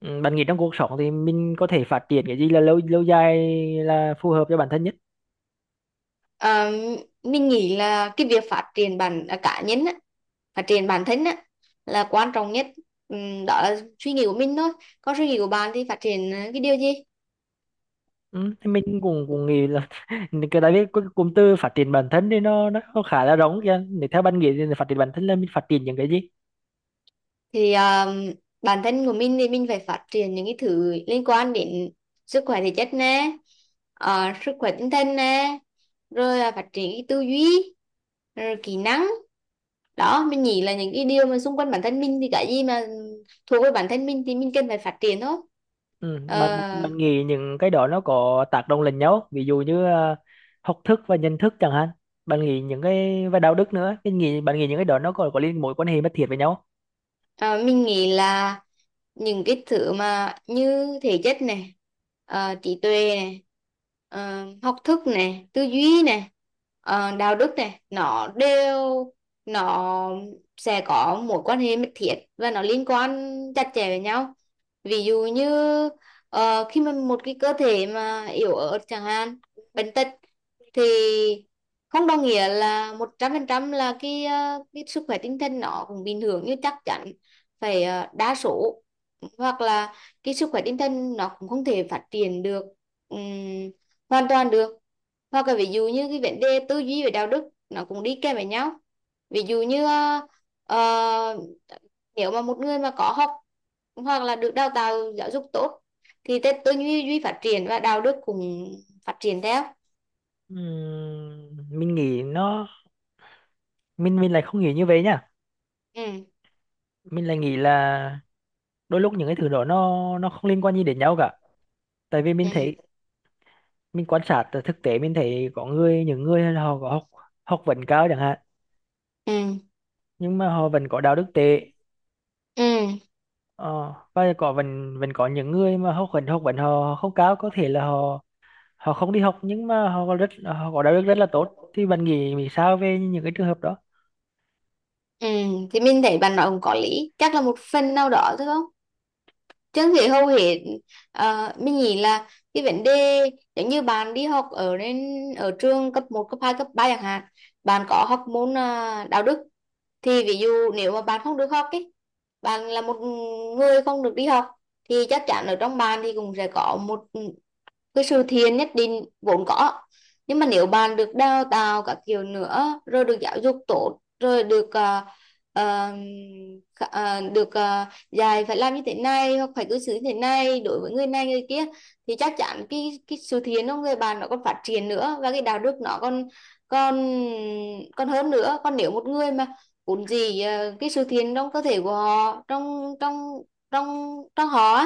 Ừ, bạn nghĩ trong cuộc sống thì mình có thể phát triển cái gì là lâu lâu dài là phù hợp cho bản thân nhất. Ờ, mình nghĩ là cái việc phát triển cá nhân á, phát triển bản thân á, là quan trọng nhất. Đó là suy nghĩ của mình thôi. Còn suy nghĩ của bạn thì phát triển cái điều gì? Ừ, thì mình cũng cũng nghĩ là tại vì cái cụm từ phát triển bản thân thì nó khá là rộng kìa. Để theo bạn nghĩ thì phát triển bản thân là mình phát triển những cái gì? Thì bản thân của mình thì mình phải phát triển những cái thứ liên quan đến sức khỏe thể chất nè, sức khỏe tinh thần nè, rồi là phát triển cái tư duy, rồi kỹ năng đó. Mình nghĩ là những cái điều mà xung quanh bản thân mình thì cái gì mà thuộc về bản thân mình thì mình cần phải phát triển thôi. Ừ, bạn, bạn Ờ, bạn nghĩ những cái đó nó có tác động lẫn nhau không? Ví dụ như học thức và nhận thức chẳng hạn, bạn nghĩ những cái và đạo đức nữa, mình nghĩ bạn nghĩ những cái đó nó có liên mối quan hệ mật thiết với nhau không? Ờ, mình nghĩ là những cái thứ mà như thể chất này, trí tuệ này, học thức này, tư duy này, đạo đức này, nó sẽ có mối quan hệ mật thiết và nó liên quan chặt chẽ với nhau. Ví dụ như khi mà một cái cơ thể mà yếu ớt chẳng hạn, bệnh tật, thì không đồng nghĩa là 100% là cái sức khỏe tinh thần nó cũng bình thường. Như chắc chắn phải đa số, hoặc là cái sức khỏe tinh thần nó cũng không thể phát triển được ừm, hoàn toàn được. Hoặc là ví dụ như cái vấn đề tư duy về đạo đức, nó cũng đi kèm với nhau. Ví dụ như ờ, nếu mà một người mà có học hoặc là được đào tạo giáo dục tốt thì tư tư duy duy phát triển và đạo đức cũng phát triển theo. Mình nghĩ nó, mình lại không nghĩ như vậy nha. Ừ. Mình lại nghĩ là đôi lúc những cái thứ đó nó không liên quan gì đến nhau cả. Tại vì mình thấy, Ừ. mình quan sát từ thực tế, mình thấy có người, những người là họ có học, học vấn cao chẳng hạn, Ừ. nhưng mà họ vẫn có đạo đức tệ. Ừ. Ờ, và có vẫn vẫn có những người mà học vấn họ không cao, có thể là họ, họ không đi học, nhưng mà họ có rất, họ có đạo đức rất là tốt. Thì bạn nghĩ nghĩ sao về những cái trường hợp đó? Ừ. Thì mình thấy bạn nói cũng có lý, chắc là một phần nào đó thôi không. Trương Thị hầu hết, mình nghĩ là cái vấn đề giống như bạn đi học ở trường cấp một cấp 2 cấp 3 chẳng hạn, bạn có học môn đạo đức. Thì ví dụ nếu mà bạn không được học ấy, bạn là một người không được đi học, thì chắc chắn ở trong bạn thì cũng sẽ có một cái sự thiện nhất định vốn có. Nhưng mà nếu bạn được đào tạo các kiểu nữa, rồi được giáo dục tốt, rồi được ờ, ờ, khả- ờ, được ờ, dạy phải làm như thế này hoặc phải cư xử như thế này đối với người này người kia, thì chắc chắn cái sự thiện của người bạn nó còn phát triển nữa và cái đạo đức nó còn còn còn hơn nữa. Còn nếu một người mà vốn cái sự thiện trong cơ thể của họ, trong trong trong trong họ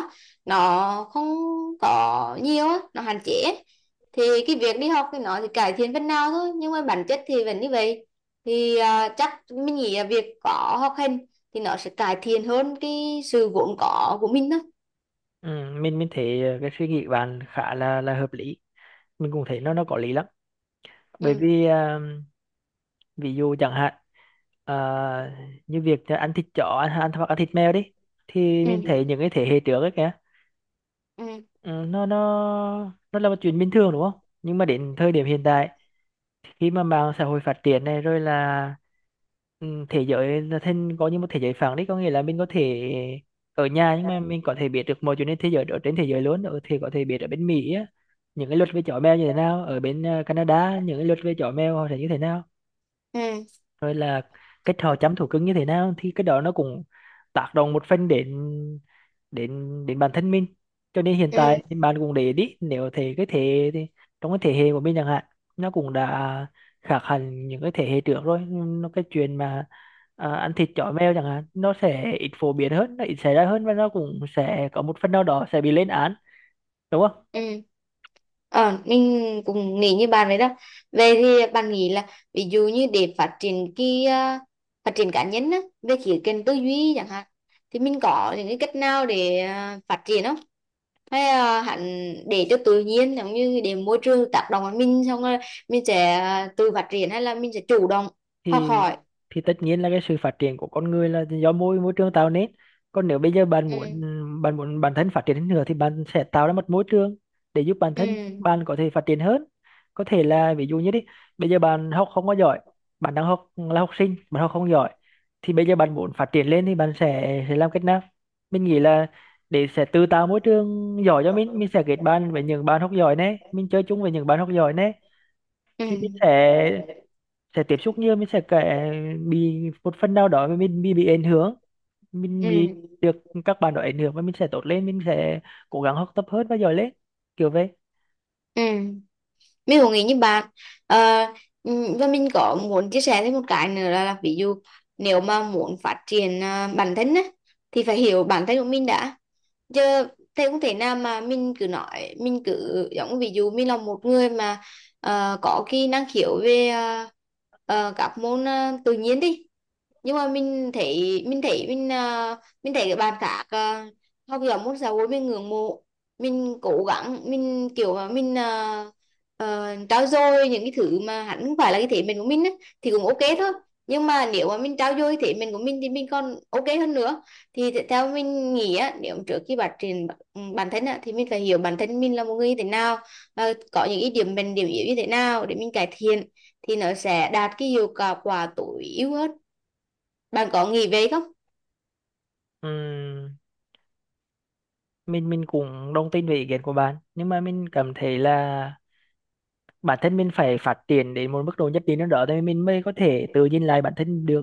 nó không có nhiều á, nó hạn chế, thì cái việc đi học thì cải thiện phần nào thôi, nhưng mà bản chất thì vẫn như vậy. Thì chắc mình nghĩ là việc có học hành thì nó sẽ cải thiện hơn cái sự vốn có của mình đó. ừ, mình thấy cái suy nghĩ của bạn khá là hợp lý, mình cũng thấy nó có lý lắm. Bởi Ừ. vì ví dụ chẳng hạn, ờ, như việc ăn thịt chó, ăn hoặc ăn thịt mèo đi, thì mình Ừ. thấy những cái thế hệ trước ấy kìa, Ừ. ừ, nó là một chuyện bình thường đúng không? Nhưng mà đến thời điểm hiện tại, khi mà mạng xã hội phát triển này, rồi là, ừ, thế giới là thêm có như một thế giới phẳng đấy, có nghĩa là mình có thể ở nhà nhưng mà mình có thể biết được mọi chuyện trên thế giới, ở trên thế giới luôn, ở thì có thể biết ở bên Mỹ á, những cái luật về chó mèo như thế nào, ở bên Canada những cái luật về chó mèo họ sẽ như thế nào, Ừ. rồi là cái trò chăm thú cưng như thế nào. Thì cái đó nó cũng tác động một phần đến, đến, đến bản thân mình. Cho nên hiện Ừ. tại Ừ. thì bạn cũng để ý, nếu thế cái thế thì trong cái thế hệ của mình chẳng hạn, nó cũng đã khác hẳn những cái thế hệ trước rồi. Nó cái chuyện mà ăn thịt chó mèo chẳng hạn, nó sẽ ít phổ biến hơn, nó ít xảy ra hơn, và nó cũng sẽ có một phần nào đó sẽ bị lên án, đúng không? Ừ. Ờ, mình cũng nghĩ như bạn vậy đó. Về thì bạn nghĩ là, ví dụ như để phát triển phát triển cá nhân á, về khía cạnh tư duy chẳng hạn, thì mình có những cái cách nào để phát triển không? Hay hẳn để cho tự nhiên, giống như để môi trường tác động vào mình xong rồi mình sẽ tự phát triển, hay là mình sẽ chủ động học thì hỏi? thì tất nhiên là cái sự phát triển của con người là do môi môi trường tạo nên. Còn nếu bây giờ bạn muốn, Ừ. bạn muốn bản thân phát triển hơn nữa, thì bạn sẽ tạo ra một môi trường để giúp bản thân Ừ. bạn có thể phát triển hơn. Có thể là ví dụ như đi, bây giờ bạn học không có giỏi, bạn đang học là học sinh, bạn học không giỏi, thì bây giờ bạn muốn phát triển lên thì bạn sẽ làm cách nào? Mình nghĩ là để sẽ tự tạo môi trường giỏi cho mình sẽ kết bạn với những bạn học giỏi này, mình chơi chung với những bạn học giỏi này, thì mình sẽ Ừ. sẽ tiếp xúc nhiều, mình sẽ kể, bị một phần nào đó mà mình bị ảnh hưởng, mình Ừ. bị được các bạn đó ảnh hưởng, và mình sẽ tốt lên, mình sẽ cố gắng học tập hơn và giỏi lên, kiểu vậy. Ừ. Mình cũng nghĩ như bạn. Ờ, và mình có muốn chia sẻ thêm một cái nữa là ví dụ nếu mà muốn phát triển bản thân á, thì phải hiểu bản thân của mình đã chứ. Thế không thể nào mà mình cứ nói, mình cứ giống ví dụ mình là một người mà có cái năng khiếu về các môn tự nhiên đi, nhưng mà mình thấy các bạn khác học giỏi môn xã hội, mình ngưỡng mộ, mình cố gắng, mình kiểu mà mình trau dồi những cái thứ mà hẳn không phải là cái thế mạnh của mình á, thì cũng ok thôi. Nhưng mà nếu mà mình trau dồi thế mạnh của mình thì mình còn ok hơn nữa. Thì theo mình nghĩ á, nếu trước khi phát triển bản thân á, thì mình phải hiểu bản thân mình là một người như thế nào và có những cái điểm mạnh điểm yếu như thế nào để mình cải thiện, thì nó sẽ đạt cái hiệu quả quả tối ưu hơn. Bạn có nghĩ vậy không? Ừm, mình cũng đồng tin về ý kiến của bạn, nhưng mà mình cảm thấy là bản thân mình phải phát triển đến một mức độ nhất định nào đó thì mình mới có thể tự nhìn lại bản thân được,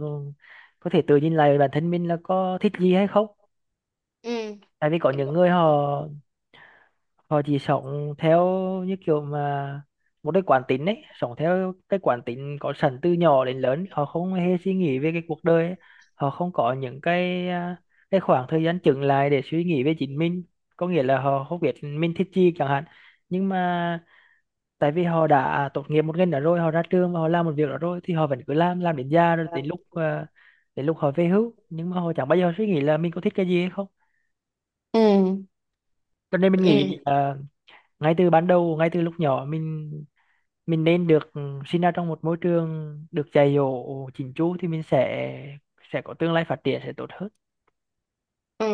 có thể tự nhìn lại bản thân mình là có thích gì hay không. Ừ. Tại vì có những người họ, họ chỉ sống theo như kiểu mà một cái quán tính ấy, sống theo cái quán tính có sẵn từ nhỏ đến lớn, họ không hề suy nghĩ về cái cuộc đời ấy. Họ không có những cái cái khoảng thời gian chững lại để suy nghĩ về chính mình, có nghĩa là họ không biết mình thích gì chẳng hạn. Nhưng mà tại vì họ đã tốt nghiệp một ngành đó rồi, họ ra trường và họ làm một việc đó rồi, thì họ vẫn cứ làm đến già, rồi đến lúc đến lúc họ về hưu, nhưng mà họ chẳng bao giờ suy nghĩ là mình có thích cái gì hay không. Ừ. Cho nên mình nghĩ Ừ. Ngay từ ban đầu, ngay từ lúc nhỏ, mình nên được sinh ra trong một môi trường được dạy dỗ chỉnh chu, thì mình sẽ có tương lai phát triển sẽ tốt hơn. Ừ.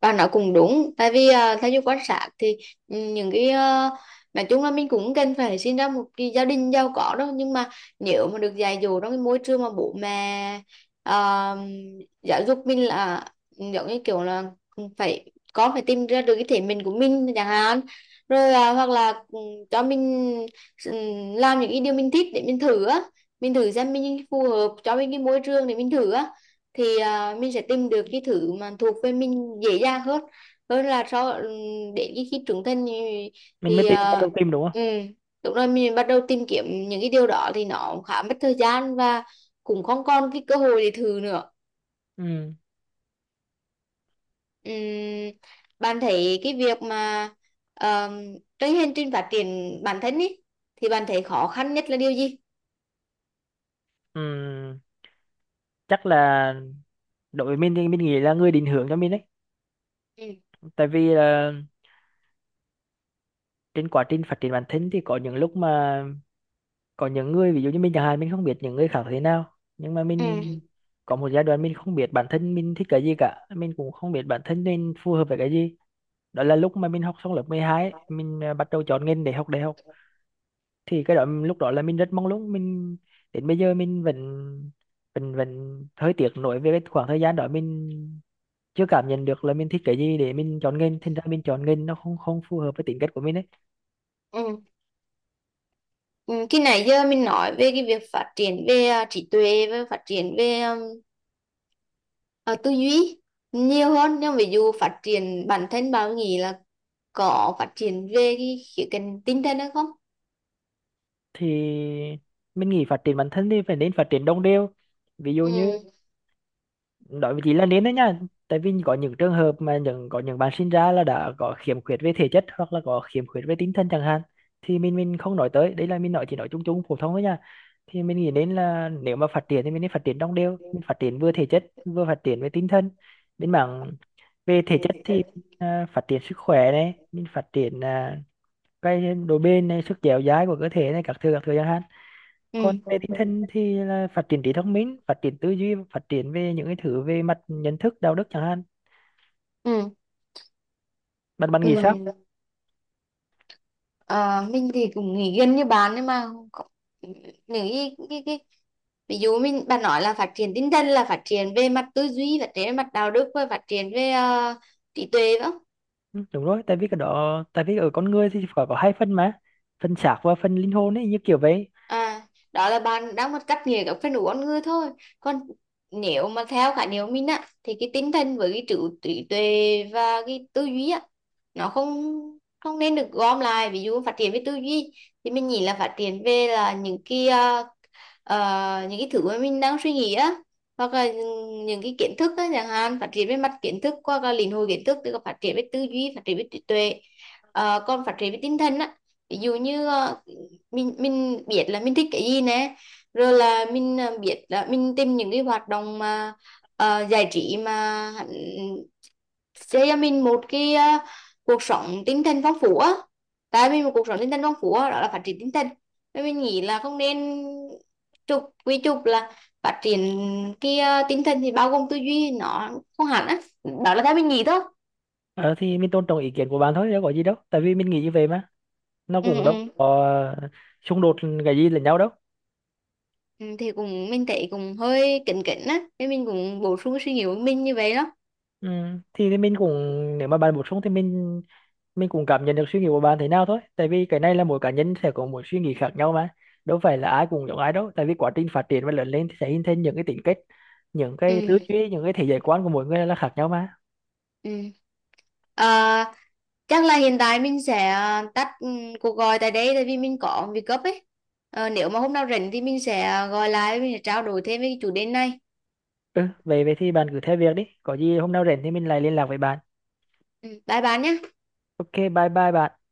Bà nói cũng đúng. Tại vì theo như quan sát thì, những cái nói chung là, mình cũng cần phải sinh ra một cái gia đình giàu có đâu, nhưng mà nếu mà được dạy dỗ trong cái môi trường mà bố mẹ à, giáo dục mình là, giống như kiểu là con phải tìm ra được cái thể mình của mình chẳng hạn, rồi hoặc là cho mình ừ, làm những cái điều mình thích để mình thử á, mình thử xem mình phù hợp, cho mình cái môi trường để mình thử á, thì mình sẽ tìm được cái thứ mà thuộc về mình dễ dàng hơn, hơn là so để cái khi trưởng thành thì, Mình mới thì tìm, bắt à, đầu tìm, đúng không? ừ. Đúng rồi, mình bắt đầu tìm kiếm những cái điều đó thì nó khá mất thời gian, và cũng không còn cái cơ hội để thử nữa. Ừ. Ừm, bạn thấy cái việc mà cái hành trình phát triển bản thân ý, thì bạn thấy khó khăn nhất là điều gì? Ừ. Chắc là đối với mình thì mình nghĩ là người định hướng cho mình đấy. Ừ. Tại vì là trên quá trình phát triển bản thân thì có những lúc mà, có những người, ví dụ như mình chẳng hạn, mình không biết những người khác thế nào, nhưng mà Ừ. mình có một giai đoạn mình không biết bản thân mình thích cái gì cả, mình cũng không biết bản thân mình phù hợp với cái gì. Đó là lúc mà mình học xong lớp 12 ấy, mình bắt đầu chọn ngành để học đại học. Thì cái đó lúc đó là mình rất mong muốn mình, đến bây giờ mình vẫn, vẫn hơi tiếc nuối về cái khoảng thời gian đó, mình chưa cảm nhận được là mình thích cái gì để mình chọn nghề, thành ra mình chọn nghề nó không không phù hợp với tính cách của mình ấy. Ừ. Ừ. Khi nãy giờ mình nói về cái việc phát triển về trí tuệ và phát triển về Ờ, tư duy nhiều hơn, nhưng ví dụ phát triển bản thân, bạn nghĩ là có phát triển về cái khía cạnh tinh thần hay không? Thì mình nghĩ phát triển bản thân thì phải nên phát triển đồng đều, ví dụ như Ừ. nói với chị là nên đấy nha. Tại vì có những trường hợp mà những, có những bạn sinh ra là đã có khiếm khuyết về thể chất hoặc là có khiếm khuyết về tinh thần chẳng hạn, thì mình không nói tới đấy, là mình nói chỉ nói chung chung phổ thông thôi nha. Thì mình nghĩ đến là nếu mà phát triển thì mình nên phát triển đồng đều, mình phát triển vừa thể chất vừa phát triển về tinh thần. Bên mảng về thể chất thì phát triển sức khỏe này, mình phát triển cái độ bền này, sức dẻo dai của cơ thể này, các thứ chẳng hạn. Còn Ừ. về tinh thần thì là phát triển trí thông minh, phát triển tư duy, phát triển về những cái thứ về mặt nhận thức, đạo đức chẳng hạn. Ừ. Bạn bạn Thế. nghĩ Ừ. sao? Ờ, mình thì cũng nghĩ gần như bạn, nhưng mà có- những cái ví dụ, bạn nói là phát triển tinh thần là phát triển về mặt tư duy, phát triển về mặt đạo đức và phát triển về trí tuệ phải? Ừ, đúng rồi, tại vì cái đó, tại vì ở con người thì phải có hai phần mà, phần xác và phần linh hồn ấy, như kiểu vậy. À, đó là bạn đang một cách nghĩa các phần ứng con người thôi. Còn nếu mà theo khái niệm mình á, thì cái tinh thần với cái trí trí tuệ và cái tư duy á, nó không không nên được gom lại. Ví dụ phát triển về tư duy thì mình nghĩ là phát triển là những cái thứ mà mình đang suy nghĩ á, hoặc là những cái kiến thức á chẳng hạn, phát triển về mặt kiến thức qua các lĩnh hội kiến thức, tức là phát triển về tư duy, phát triển về trí tuệ. Còn phát triển về tinh thần á, ví dụ như mình biết là mình thích cái gì nè, rồi là mình biết là mình tìm những cái hoạt động mà giải trí mà hẳn sẽ cho mình một cái cuộc sống tinh thần phong phú á. Tại vì một cuộc sống tinh thần phong phú á, đó là phát triển tinh thần. Nên mình nghĩ là không nên trục là phát triển cái tinh thần thì bao gồm tư duy, nó không hẳn á. Đó là theo mình nghĩ thôi. Ờ, thì mình tôn trọng ý kiến của bạn thôi, đâu có gì đâu, tại vì mình nghĩ như vậy mà, nó Ừ, cũng đâu ừ. có xung đột cái gì lẫn nhau đâu. Ừ, thì cũng mình thấy cũng hơi kính kính á, nên mình cũng bổ sung suy nghĩ của mình như vậy đó. Ừ. Thì mình cũng, nếu mà bạn bổ sung thì mình cũng cảm nhận được suy nghĩ của bạn thế nào thôi, tại vì cái này là mỗi cá nhân sẽ có một suy nghĩ khác nhau mà, đâu phải là ai cũng giống ai đâu, tại vì quá trình phát triển và lớn lên thì sẽ hình thành những cái tính cách, những cái tư Ừ, duy, những cái thế giới quan của mỗi người là khác nhau mà. ừ. Ờ, chắc là hiện tại mình sẽ tắt cuộc gọi tại đây, tại vì mình có việc gấp ấy. Nếu mà hôm nào rảnh thì mình sẽ gọi lại, mình sẽ trao đổi thêm về cái chủ đề này. Ừ về về thì bạn cứ theo việc đi, có gì hôm nào rảnh thì mình lại liên lạc với bạn. Ừ, bye bye nhé. Ok, bye bye bạn.